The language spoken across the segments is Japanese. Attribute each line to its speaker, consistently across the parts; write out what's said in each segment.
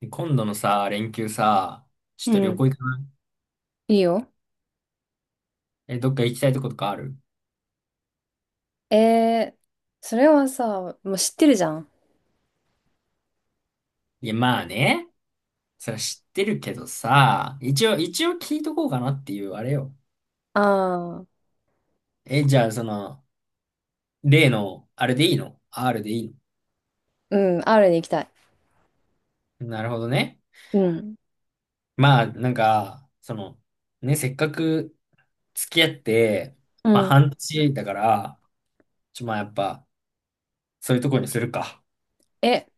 Speaker 1: で今度のさ、連休さ、ちょっ
Speaker 2: う
Speaker 1: と旅
Speaker 2: ん。
Speaker 1: 行行かない？
Speaker 2: いいよ。
Speaker 1: え、どっか行きたいとことかある？
Speaker 2: えー、それはさ、もう知ってるじゃん。
Speaker 1: いや、まあね。それは知ってるけどさ、一応聞いとこうかなっていう、あれよ。
Speaker 2: ああ、
Speaker 1: え、じゃあ、例の、あれでいいの？ R でいい
Speaker 2: うん、R に行きたい。
Speaker 1: の？なるほどね。
Speaker 2: うん。
Speaker 1: まあ、なんか、ね、せっかく付き合って、
Speaker 2: う
Speaker 1: まあ、
Speaker 2: ん。
Speaker 1: 半年だから、まあ、やっぱ、そういうとこにするか。
Speaker 2: え、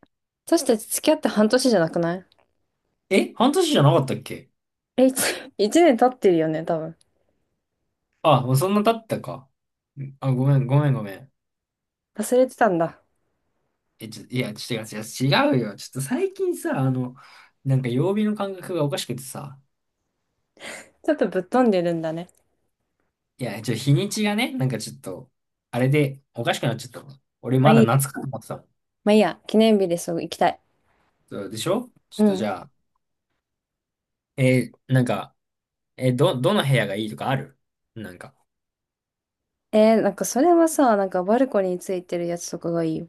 Speaker 2: 私たち付き合って半年じゃなくない？
Speaker 1: え、半年じゃなかったっけ？
Speaker 2: え、一年 経ってるよね、多分。
Speaker 1: あ、もうそんな経ったか。あ、ごめん、ごめん、ごめん。
Speaker 2: 忘れてたんだ。
Speaker 1: え、いや、違う違う、違うよ。ちょっと最近さ、なんか曜日の感覚がおかしくてさ、
Speaker 2: ちょっとぶっ飛んでるんだね。
Speaker 1: いや、日にちがね、なんかちょっと、あれでおかしくなっちゃったの。俺
Speaker 2: まあ
Speaker 1: ま
Speaker 2: い
Speaker 1: だ
Speaker 2: い。
Speaker 1: 夏かと思ってたもん。
Speaker 2: まあいいや、記念日でそう行きたい。
Speaker 1: そうでしょ？ちょ
Speaker 2: う
Speaker 1: っとじ
Speaker 2: ん。
Speaker 1: ゃあ、なんか、どの部屋がいいとかある？なんか。
Speaker 2: なんかそれはさ、なんかバルコニーについてるやつとかがいいよ。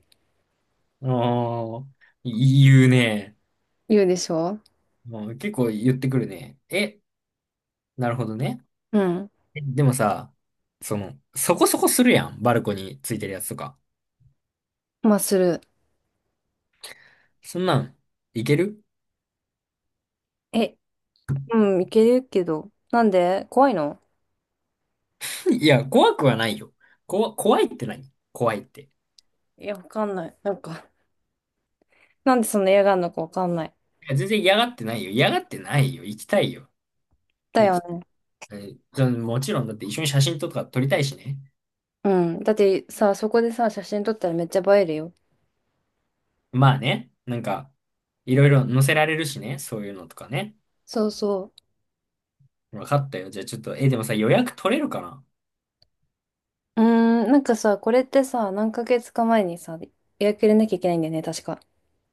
Speaker 1: あー、言うね。
Speaker 2: 言うでしょ？
Speaker 1: もう結構言ってくるね。え、なるほどね。
Speaker 2: うん。
Speaker 1: でもさ、そこそこするやん。バルコニーついてるやつとか。
Speaker 2: まあする。
Speaker 1: そんなん、いける？
Speaker 2: え、うん、いけるけど。なんで怖いの？
Speaker 1: いや、怖くはないよ。怖いって何？怖いって。い
Speaker 2: いや、わかんない。なんかなんでそんな嫌がんのかわかんない。
Speaker 1: や、全然嫌がってないよ。嫌がってないよ。行きたいよ。
Speaker 2: だ
Speaker 1: 行
Speaker 2: よ
Speaker 1: き、
Speaker 2: ね。
Speaker 1: もちろんだって一緒に写真とか撮りたいしね。
Speaker 2: うん。だってさ、そこでさ、写真撮ったらめっちゃ映えるよ。
Speaker 1: まあね、なんか、いろいろ載せられるしね。そういうのとかね。
Speaker 2: そうそ
Speaker 1: 分かったよ。じゃあちょっと、でもさ、予約取れるかな？
Speaker 2: う。うーん、なんかさ、これってさ、何ヶ月か前にさ、予約入れなきゃいけないんだよね、確か。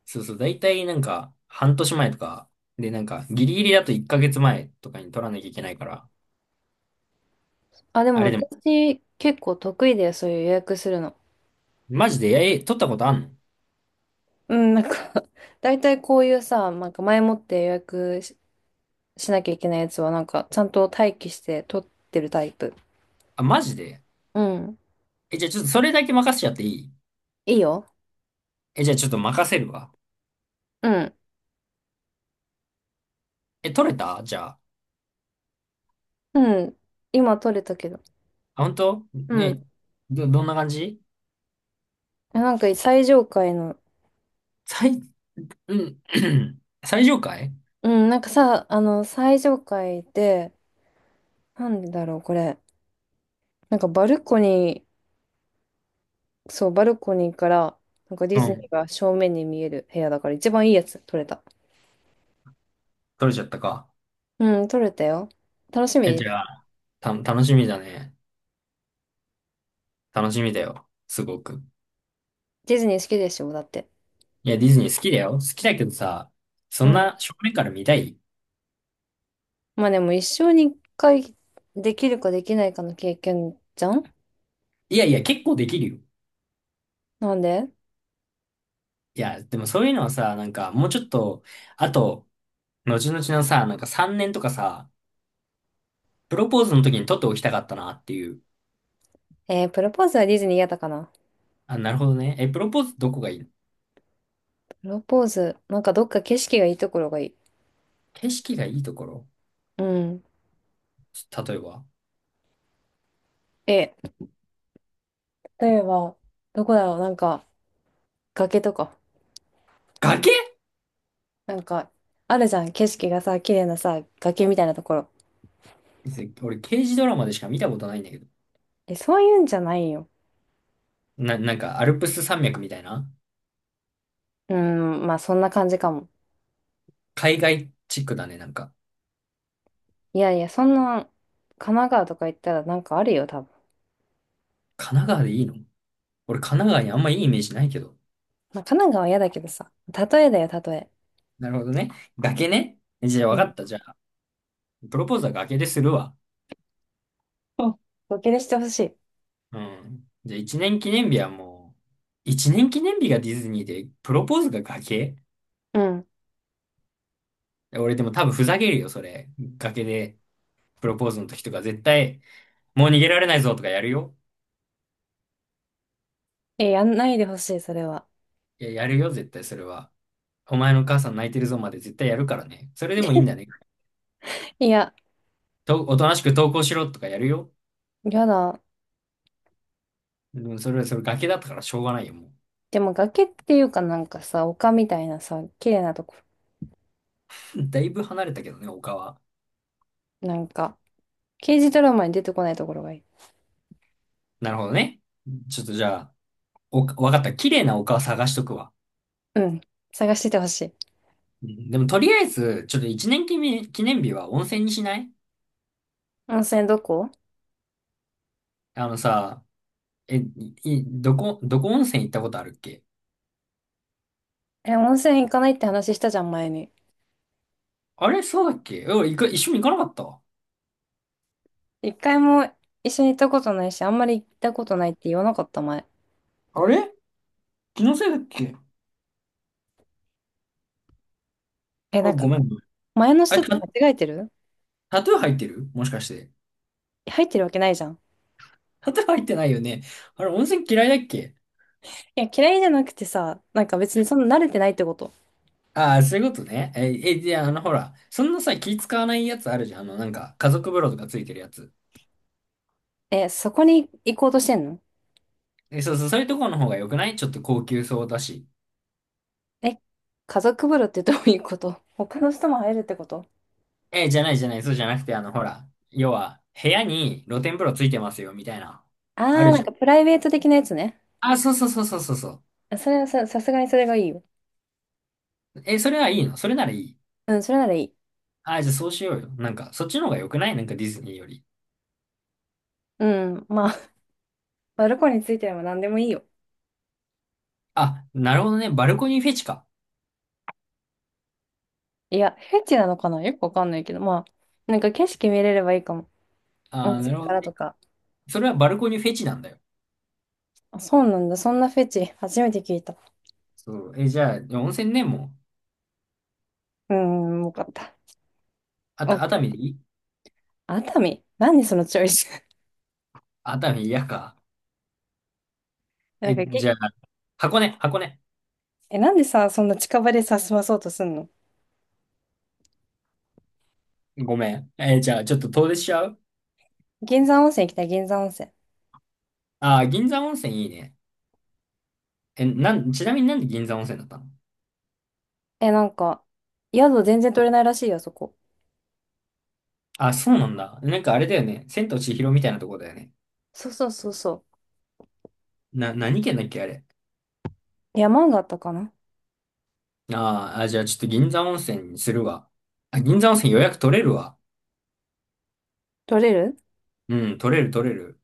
Speaker 1: そうそう、だいたいなんか、半年前とか、で、なんか、ギリギリだと1ヶ月前とかに取らなきゃいけないから。
Speaker 2: あ、でも
Speaker 1: あれでも、
Speaker 2: 私、結構得意だよ、そういう予約するの。
Speaker 1: マジで、取ったことあんの？
Speaker 2: うん、なんか 大体こういうさ、なんか前もって予約しなきゃいけないやつは、なんか、ちゃんと待機して撮ってるタイプ。
Speaker 1: あ、マジで？
Speaker 2: うん。
Speaker 1: え、じゃあちょっとそれだけ任せちゃっていい？
Speaker 2: いいよ。
Speaker 1: え、じゃあちょっと任せるわ。
Speaker 2: うん。
Speaker 1: え、取れた？じゃあ。
Speaker 2: うん。今撮れたけど。
Speaker 1: あ、本当
Speaker 2: うん。
Speaker 1: ね、どんな感じ？
Speaker 2: なんか最上階の。
Speaker 1: 最、うん、最上階。
Speaker 2: うん、なんかさ、最上階で、なんでだろう、これ。なんかバルコニー、そう、バルコニーから、なんかデ
Speaker 1: う
Speaker 2: ィズニー
Speaker 1: ん。
Speaker 2: が正面に見える部屋だから、一番いいやつ、撮れた。
Speaker 1: 取れちゃったか。
Speaker 2: うん、撮れたよ。楽し
Speaker 1: え、じ
Speaker 2: み。
Speaker 1: ゃあ、楽しみだね。楽しみだよ。すごく。
Speaker 2: ディズニー好きでしょ、だって。
Speaker 1: いや、ディズニー好きだよ。好きだけどさ、そ
Speaker 2: う
Speaker 1: ん
Speaker 2: ん。
Speaker 1: な正面から見たい？
Speaker 2: まあでも、一生に一回できるかできないかの経験じゃん？
Speaker 1: いやいや、結構できるよ。
Speaker 2: なんで？
Speaker 1: いや、でもそういうのはさ、なんか、もうちょっと、あと、後々のさ、なんか3年とかさ、プロポーズの時に撮っておきたかったなっていう。
Speaker 2: プロポーズはディズニー嫌だかな。
Speaker 1: あ、なるほどね。え、プロポーズどこがいいの？
Speaker 2: プロポーズ、なんかどっか景色がいいところがいい。
Speaker 1: 景色がいいところ？
Speaker 2: うん。
Speaker 1: 例えば。
Speaker 2: え、例えば、どこだろう、なんか、崖とか。
Speaker 1: 崖？
Speaker 2: なんか、あるじゃん。景色がさ、綺麗なさ、崖みたいなところ。
Speaker 1: 俺、刑事ドラマでしか見たことないんだけど。
Speaker 2: え、そういうんじゃないよ。
Speaker 1: なんか、アルプス山脈みたいな？
Speaker 2: うーん、まあそんな感じかも。
Speaker 1: 海外チックだね、なんか。
Speaker 2: いやいや、そんな、神奈川とか行ったらなんかあるよ、多分。
Speaker 1: 神奈川でいいの？俺、神奈川にあんまいいイメージないけど。
Speaker 2: まあ神奈川は嫌だけどさ。例えだよ、例え。
Speaker 1: なるほどね。崖ね。じゃあ、
Speaker 2: う
Speaker 1: わか
Speaker 2: ん。
Speaker 1: った。じゃあ、プロポーズは崖でするわ。
Speaker 2: あ、ボケでしてほしい。
Speaker 1: うん。じゃあ、一年記念日はもう、一年記念日がディズニーで、プロポーズが崖？
Speaker 2: うん。
Speaker 1: 俺、でも多分ふざけるよ、それ。崖で、プロポーズの時とか、絶対、もう逃げられないぞとかやるよ。
Speaker 2: え、やんないでほしい、それは。
Speaker 1: いや、やるよ、絶対、それは。お前のお母さん泣いてるぞまで絶対やるからね。それでもいいんだね。
Speaker 2: いや、
Speaker 1: おとなしく投稿しろとかやるよ。
Speaker 2: やだ。
Speaker 1: でもそれ崖だったからしょうがないよ、も
Speaker 2: でも崖っていうかなんかさ、丘みたいなさ、綺麗なとこ。
Speaker 1: う。だいぶ離れたけどね、丘は。
Speaker 2: なんか、刑事ドラマに出てこないところがいい。
Speaker 1: なるほどね。ちょっとじゃあ、わかった。綺麗な丘を探しとくわ。
Speaker 2: うん。探しててほしい。
Speaker 1: うんでもとりあえず、ちょっと一年記念、記念日は温泉にしない？
Speaker 2: 温泉どこ？
Speaker 1: あのさ、え、い、いどこ、どこ温泉行ったことあるっけ？
Speaker 2: え、温泉行かないって話したじゃん、前に。
Speaker 1: あれ？そうだっけ？え、俺、行く、一緒に行かなかった？
Speaker 2: 一回も一緒に行ったことないし、あんまり行ったことないって言わなかった、前。
Speaker 1: あれ？気のせいだっけ？
Speaker 2: え、
Speaker 1: あ、
Speaker 2: なんか、
Speaker 1: ごめん。
Speaker 2: 前の
Speaker 1: あ、
Speaker 2: 人と間違えてる？
Speaker 1: タトゥー入ってるもしかして？
Speaker 2: 入ってるわけないじゃん。
Speaker 1: 砂糖入ってないよね。あれ、温泉嫌いだっけ？
Speaker 2: いや、嫌いじゃなくてさ、なんか別にそんな慣れてないってこと。
Speaker 1: ああー、そういうことね。じゃあ、ほら、そんなさ、気使わないやつあるじゃん。なんか、家族風呂とかついてるやつ。
Speaker 2: え、そこに行こうとしてんの？
Speaker 1: え、そうそう、そういうとこの方が良くない？ちょっと高級そうだし。
Speaker 2: え、家族風呂ってどういうこと？他の人も入るってこと？
Speaker 1: え、じゃないじゃない、そうじゃなくて、ほら、要は、部屋に露天風呂ついてますよ、みたいな。
Speaker 2: あ
Speaker 1: あ
Speaker 2: ー、
Speaker 1: る
Speaker 2: なん
Speaker 1: じゃ
Speaker 2: か
Speaker 1: ん。
Speaker 2: プライベート的なやつね。
Speaker 1: あー、そうそうそうそうそうそう。
Speaker 2: あそれはさ、さすがにそれがいいよ。
Speaker 1: え、それはいいの？それならいい。
Speaker 2: うん、それならいい。
Speaker 1: あ、じゃあそうしようよ。なんか、そっちの方が良くない？なんかディズニーより。
Speaker 2: うん、まあ、バルコニーについてな何でもいいよ。
Speaker 1: あ、なるほどね。バルコニーフェチか。
Speaker 2: いや、フェチなのかなよくわかんないけど、まあ、なんか景色見れればいいかも。温
Speaker 1: あー、なる
Speaker 2: 泉
Speaker 1: ほ
Speaker 2: か
Speaker 1: ど
Speaker 2: ら
Speaker 1: ね。
Speaker 2: とか。
Speaker 1: それはバルコニーフェチなんだよ。
Speaker 2: あ、そうなんだ。そんなフェチ、初めて聞いた。う
Speaker 1: そう。え、じゃあ、温泉ね、もう。
Speaker 2: ーん、よかった。よかっ
Speaker 1: 熱海で
Speaker 2: た。
Speaker 1: いい？
Speaker 2: 熱海何そのチョイス？
Speaker 1: 熱海嫌か？
Speaker 2: なん
Speaker 1: え、
Speaker 2: かげ、
Speaker 1: じゃあ、箱根、箱根。
Speaker 2: え、なんでさ、そんな近場でさ、済まそうとすんの？
Speaker 1: ごめん。え、じゃあ、ちょっと遠出しちゃう？
Speaker 2: 銀山温泉行きたい、銀山温泉。
Speaker 1: あー、銀座温泉いいね。え、なん、ちなみになんで銀座温泉だったの？
Speaker 2: え、なんか、宿全然取れないらしいよ、そこ。
Speaker 1: あ、そうなんだ。なんかあれだよね。千と千尋みたいなとこだよね。
Speaker 2: そうそうそうそ
Speaker 1: 何県だっけ、あれ。
Speaker 2: う。山があったかな？
Speaker 1: あーあ、じゃあちょっと銀座温泉にするわ。あ、銀座温泉予約取れるわ。
Speaker 2: 取れる？
Speaker 1: うん、取れる取れる。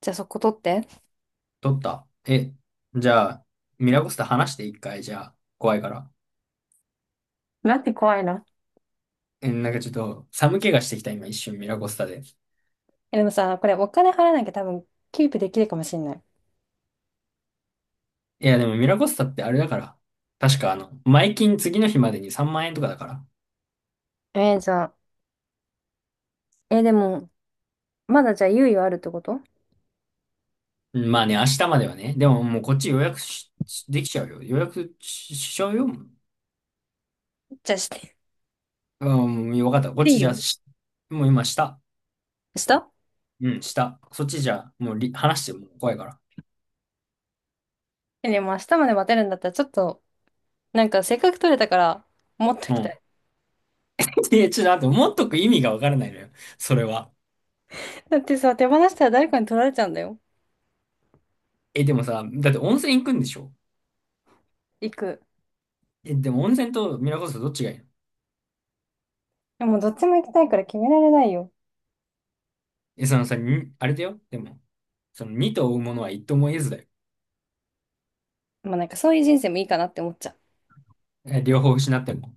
Speaker 2: じゃあそこ取って。
Speaker 1: 取った。え、じゃあ、ミラコスタ話して一回、じゃあ、怖いから。
Speaker 2: なんて怖いな。
Speaker 1: え、なんかちょっと寒気がしてきた。今一瞬ミラコスタで。
Speaker 2: え、でもさ、これお金払わなきゃ多分、キープできるかもしんない。
Speaker 1: いやでもミラコスタってあれだから。確か前金次の日までに3万円とかだから。
Speaker 2: じゃあ、え、でも、まだじゃあ猶予あるってこと？
Speaker 1: うんまあね、明日まではね。でももうこっち予約しできちゃうよ。予約しちゃうよ。
Speaker 2: じゃあして。
Speaker 1: うん、よかった。こっ
Speaker 2: い
Speaker 1: ち
Speaker 2: い
Speaker 1: じゃ
Speaker 2: よ。
Speaker 1: し、もう今下。
Speaker 2: した？
Speaker 1: うん、下。そっちじゃ、もう話しても怖いから。
Speaker 2: え、でも明日まで待てるんだったら、ちょっと、なんかせっかく取れたから、持っと
Speaker 1: う
Speaker 2: きた
Speaker 1: ん。
Speaker 2: い。
Speaker 1: え、ちょっと待って、持っとく意味がわからないのよ。それは。
Speaker 2: だってさ、手放したら誰かに取られちゃうんだよ。
Speaker 1: え、でもさ、だって温泉行くんでしょ？
Speaker 2: 行く。
Speaker 1: え、でも温泉とミラコスタどっちがいいの？
Speaker 2: でもどっちも行きたいから決められないよ。
Speaker 1: え、そのさ、にあれだよ。でも、その2と追うものは一とも得ずだよ。
Speaker 2: まあなんかそういう人生もいいかなって思っちゃう。
Speaker 1: え、両方失っても。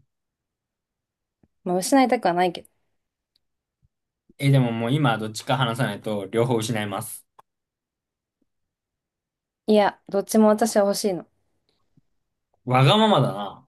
Speaker 2: まあ失いたくはないけど。
Speaker 1: え、でももう今どっちか話さないと両方失います。
Speaker 2: いや、どっちも私は欲しいの。
Speaker 1: わがままだな。